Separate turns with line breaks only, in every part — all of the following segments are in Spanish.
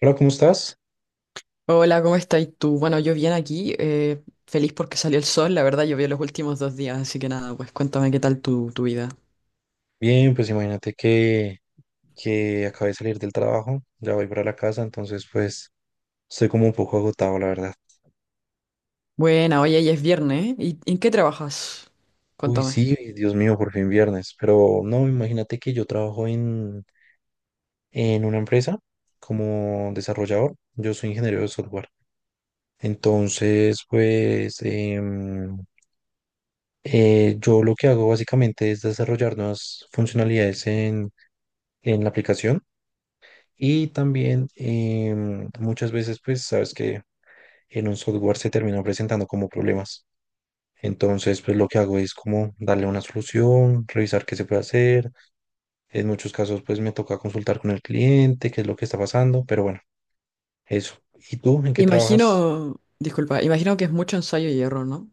Hola, ¿cómo estás?
Hola, ¿cómo estás tú? Bueno, yo bien aquí, feliz porque salió el sol, la verdad llovió los últimos 2 días, así que nada, pues cuéntame qué tal tu vida.
Bien, pues imagínate que, acabé de salir del trabajo, ya voy para la casa, entonces pues estoy como un poco agotado, la verdad.
Buena, oye, ya es viernes, ¿eh? ¿Y en qué trabajas?
Uy,
Cuéntame.
sí, Dios mío, por fin viernes, pero no, imagínate que yo trabajo en, una empresa como desarrollador, yo soy ingeniero de software, entonces pues yo lo que hago básicamente es desarrollar nuevas funcionalidades en, la aplicación. Y también muchas veces, pues, sabes que en un software se terminan presentando como problemas. Entonces, pues lo que hago es como darle una solución, revisar qué se puede hacer. En muchos casos, pues me toca consultar con el cliente, qué es lo que está pasando, pero bueno, eso. ¿Y tú en qué
Imagino,
trabajas?
disculpa, imagino que es mucho ensayo y error, ¿no?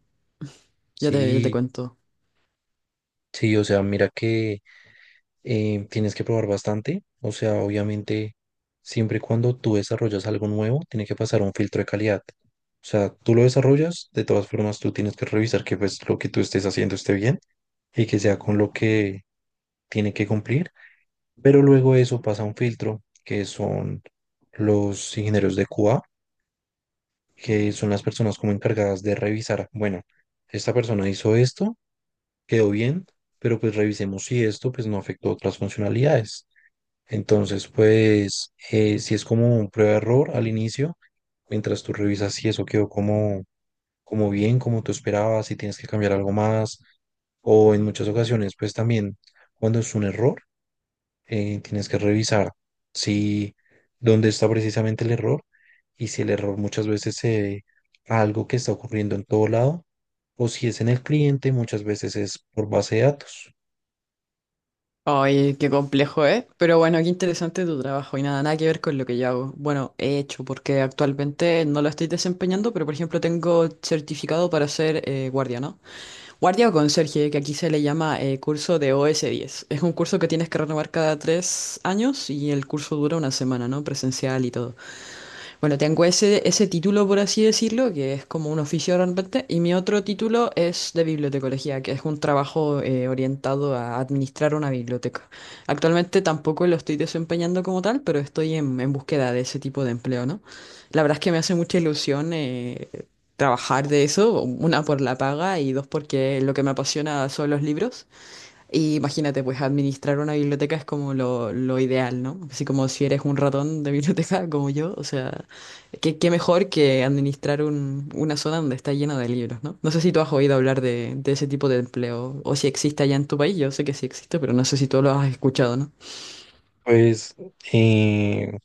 Ya te
Sí,
cuento.
sí, o sea, mira que tienes que probar bastante. O sea, obviamente, siempre y cuando tú desarrollas algo nuevo, tiene que pasar un filtro de calidad. O sea, tú lo desarrollas, de todas formas, tú tienes que revisar que pues lo que tú estés haciendo esté bien y que sea con lo que tiene que cumplir, pero luego eso pasa a un filtro que son los ingenieros de QA, que son las personas como encargadas de revisar, bueno, esta persona hizo esto, quedó bien, pero pues revisemos si esto pues no afectó otras funcionalidades. Entonces, pues si es como un prueba-error al inicio, mientras tú revisas si eso quedó como bien, como tú esperabas, si tienes que cambiar algo más, o en muchas ocasiones, pues también cuando es un error tienes que revisar si dónde está precisamente el error y si el error muchas veces se debe a algo que está ocurriendo en todo lado o si es en el cliente, muchas veces es por base de datos.
Ay, qué complejo, ¿eh? Pero bueno, qué interesante tu trabajo y nada, nada que ver con lo que yo hago. Bueno, he hecho, porque actualmente no lo estoy desempeñando, pero por ejemplo tengo certificado para ser guardia, ¿no? Guardia o conserje, que aquí se le llama curso de OS10. Es un curso que tienes que renovar cada 3 años y el curso dura una semana, ¿no? Presencial y todo. Bueno, tengo ese título, por así decirlo, que es como un oficio realmente, y mi otro título es de bibliotecología, que es un trabajo orientado a administrar una biblioteca. Actualmente tampoco lo estoy desempeñando como tal, pero estoy en búsqueda de ese tipo de empleo, ¿no? La verdad es que me hace mucha ilusión trabajar de eso, una por la paga y dos porque lo que me apasiona son los libros. Y imagínate, pues administrar una biblioteca es como lo ideal, ¿no? Así como si eres un ratón de biblioteca como yo, o sea, qué mejor que administrar una zona donde está llena de libros, ¿no? No sé si tú has oído hablar de ese tipo de empleo o si existe allá en tu país, yo sé que sí existe, pero no sé si tú lo has escuchado, ¿no?
Pues eh,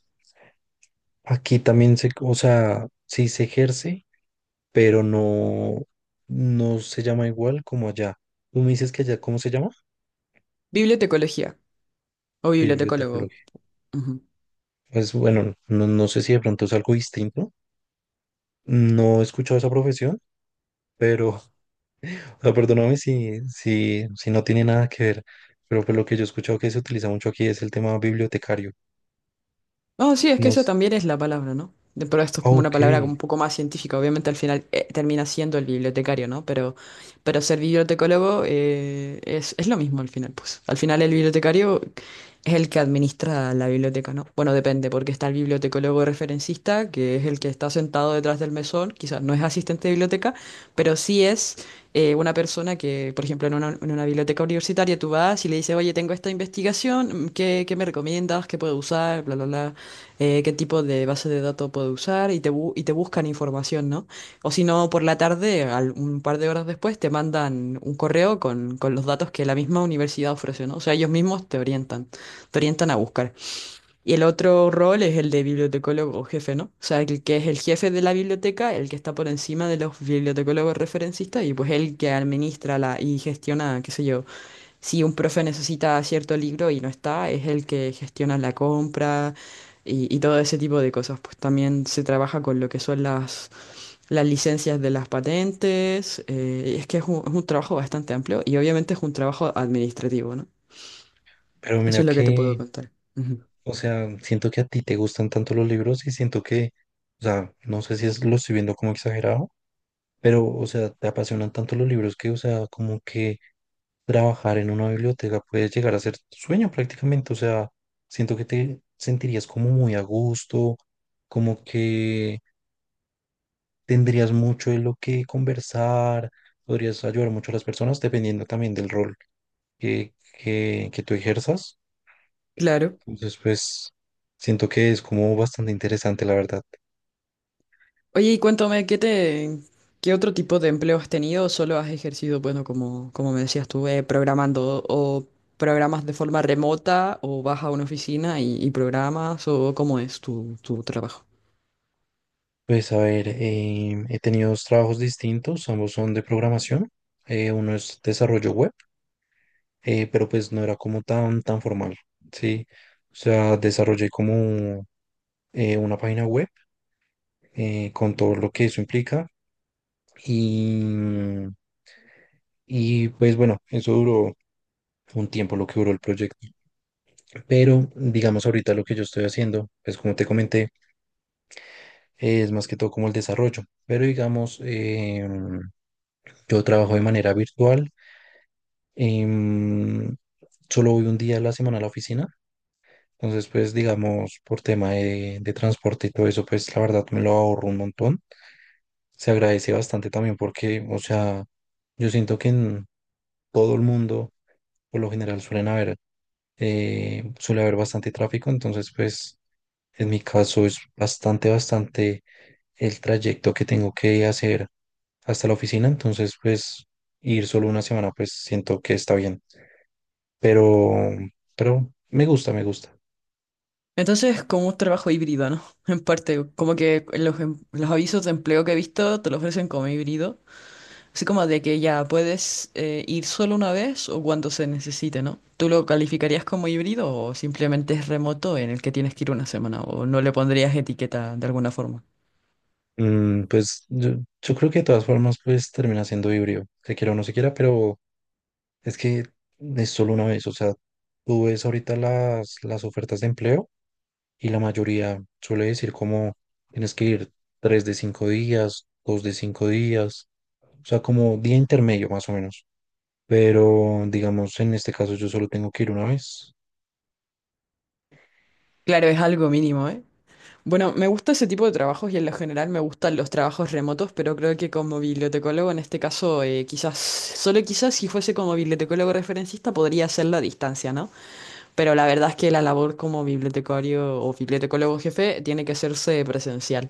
aquí también se, o sea, sí se ejerce, pero no, no se llama igual como allá. Tú me dices que allá, ¿cómo se llama?
Bibliotecología o bibliotecólogo.
Bibliotecología. Pues bueno, no, no sé si de pronto es algo distinto. No he escuchado esa profesión, pero o sea, perdóname si no tiene nada que ver, pero por lo que yo he escuchado que se utiliza mucho aquí es el tema bibliotecario.
Oh, sí, es que esa
Nos,
también es la palabra, ¿no? Pero esto es
ah,
como una
ok,
palabra como un poco más científica. Obviamente al final termina siendo el bibliotecario, ¿no? Pero ser bibliotecólogo es lo mismo al final, pues. Al final el bibliotecario es el que administra la biblioteca, ¿no? Bueno, depende, porque está el bibliotecólogo referencista, que es el que está sentado detrás del mesón, quizás no es asistente de biblioteca, pero sí es una persona que, por ejemplo, en en una biblioteca universitaria tú vas y le dices, oye, tengo esta investigación, ¿qué me recomiendas? ¿Qué puedo usar? Bla, bla, bla qué tipo de base de datos puedo usar y y te buscan información, ¿no? O si no, por la tarde, un par de horas después, te mandan un correo con los datos que la misma universidad ofrece, ¿no? O sea, ellos mismos te orientan, a buscar. Y el otro rol es el de bibliotecólogo jefe, ¿no? O sea, el que es el jefe de la biblioteca, el que está por encima de los bibliotecólogos referencistas y pues el que administra y gestiona, qué sé yo si un profe necesita cierto libro y no está, es el que gestiona la compra y todo ese tipo de cosas. Pues también se trabaja con lo que son las licencias de las patentes. Es que es un trabajo bastante amplio y obviamente es un trabajo administrativo, ¿no?
pero
Eso
mira
es lo que te puedo
que,
contar. Ujú.
o sea, siento que a ti te gustan tanto los libros y siento que, o sea, no sé si es, lo estoy viendo como exagerado, pero, o sea, te apasionan tanto los libros que, o sea, como que trabajar en una biblioteca puede llegar a ser tu sueño prácticamente, o sea, siento que te sentirías como muy a gusto, como que tendrías mucho de lo que conversar, podrías ayudar mucho a las personas dependiendo también del rol que tú ejerzas.
Claro.
Entonces, pues siento que es como bastante interesante, la verdad.
Oye, y cuéntame, qué otro tipo de empleo has tenido? ¿O solo has ejercido, bueno, como me decías tú, programando o programas de forma remota o vas a una oficina y programas o cómo es tu trabajo?
Pues a ver, he tenido dos trabajos distintos, ambos son de programación. Uno es desarrollo web, pero pues no era como tan formal, ¿sí? O sea, desarrollé como una página web con todo lo que eso implica y... Y pues bueno, eso duró fue un tiempo lo que duró el proyecto. Pero digamos ahorita lo que yo estoy haciendo, pues como te comenté, es más que todo como el desarrollo. Pero digamos, yo trabajo de manera virtual. em, Solo voy un día a la semana a la oficina. Entonces, pues digamos, por tema de, transporte y todo eso, pues la verdad me lo ahorro un montón. Se agradece bastante también porque, o sea, yo siento que en todo el mundo, por lo general, suele haber bastante tráfico. Entonces, pues en mi caso es bastante, bastante el trayecto que tengo que hacer hasta la oficina, entonces pues ir solo una semana pues siento que está bien, pero, pero me gusta, me gusta.
Entonces, como un trabajo híbrido, ¿no? En parte, como que los avisos de empleo que he visto te lo ofrecen como híbrido. Así como de que ya puedes ir solo una vez o cuando se necesite, ¿no? ¿Tú lo calificarías como híbrido o simplemente es remoto en el que tienes que ir una semana o no le pondrías etiqueta de alguna forma?
Pues yo creo que de todas formas pues termina siendo híbrido, se quiera o no se quiera, pero es que es solo una vez, o sea, tú ves ahorita las ofertas de empleo y la mayoría suele decir como tienes que ir 3 de 5 días, 2 de 5 días. O sea, como día intermedio más o menos. Pero digamos, en este caso yo solo tengo que ir una vez.
Claro, es algo mínimo, ¿eh? Bueno, me gusta ese tipo de trabajos y en lo general me gustan los trabajos remotos, pero creo que como bibliotecólogo en este caso, quizás, solo quizás si fuese como bibliotecólogo referencista podría hacerlo a distancia, ¿no? Pero la verdad es que la labor como bibliotecario o bibliotecólogo jefe tiene que hacerse presencial.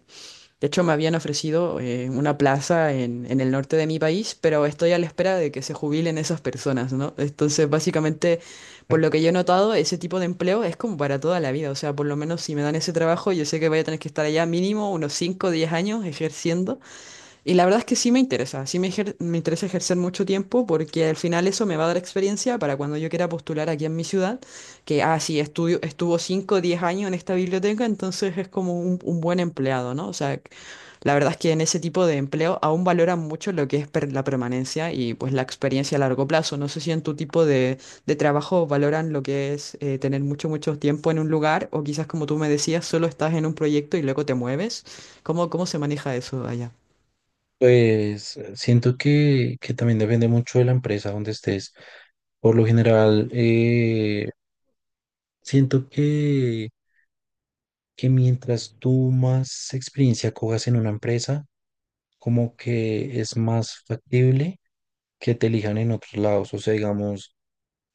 De hecho, me habían ofrecido una plaza en el norte de mi país, pero estoy a la espera de que se jubilen esas personas, ¿no? Entonces, básicamente, por lo que yo he notado, ese tipo de empleo es como para toda la vida. O sea, por lo menos si me dan ese trabajo, yo sé que voy a tener que estar allá mínimo unos cinco o 10 años ejerciendo. Y la verdad es que sí me interesa, sí me interesa ejercer mucho tiempo porque al final eso me va a dar experiencia para cuando yo quiera postular aquí en mi ciudad, que, ah, sí, estudio, estuvo cinco o 10 años en esta biblioteca, entonces es como un buen empleado, ¿no? O sea, la verdad es que en ese tipo de empleo aún valoran mucho lo que es la permanencia y pues la experiencia a largo plazo. No sé si en tu tipo de trabajo valoran lo que es tener mucho, mucho tiempo en un lugar o quizás como tú me decías, solo estás en un proyecto y luego te mueves. ¿Cómo se maneja eso allá?
Pues siento que también depende mucho de la empresa donde estés. Por lo general, siento que mientras tú más experiencia cojas en una empresa, como que es más factible que te elijan en otros lados. O sea, digamos,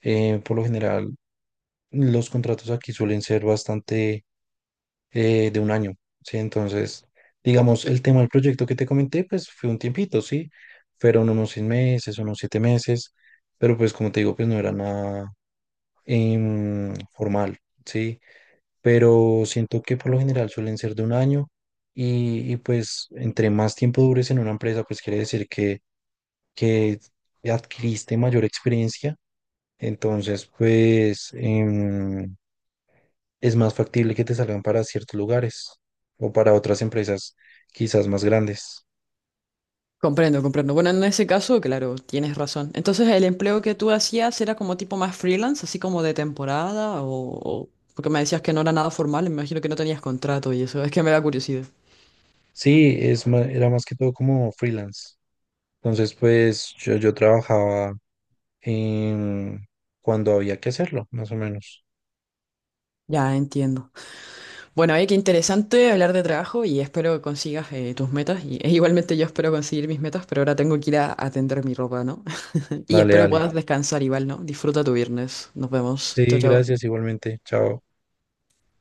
por lo general, los contratos aquí suelen ser bastante de un año, ¿sí? Entonces, digamos, el tema del proyecto que te comenté, pues fue un tiempito, ¿sí? Fueron unos 6 meses, unos 7 meses, pero pues como te digo, pues no era nada formal, ¿sí? Pero siento que por lo general suelen ser de un año pues entre más tiempo dures en una empresa, pues quiere decir que adquiriste mayor experiencia. Entonces, pues, es más factible que te salgan para ciertos lugares o para otras empresas quizás más grandes.
Comprendo, comprendo. Bueno, en ese caso, claro, tienes razón. Entonces, el empleo que tú hacías era como tipo más freelance, así como de temporada, o- porque me decías que no era nada formal, me imagino que no tenías contrato y eso, es que me da curiosidad.
Sí, era más que todo como freelance. Entonces, pues yo trabajaba en- cuando había que hacerlo, más o menos.
Ya entiendo. Bueno, oye, qué interesante hablar de trabajo y espero que consigas tus metas. E igualmente yo espero conseguir mis metas, pero ahora tengo que ir a atender mi ropa, ¿no? Y
Dale,
espero
dale.
puedas descansar igual, ¿no? Disfruta tu viernes. Nos vemos. Chao,
Sí,
chao.
gracias igualmente. Chao.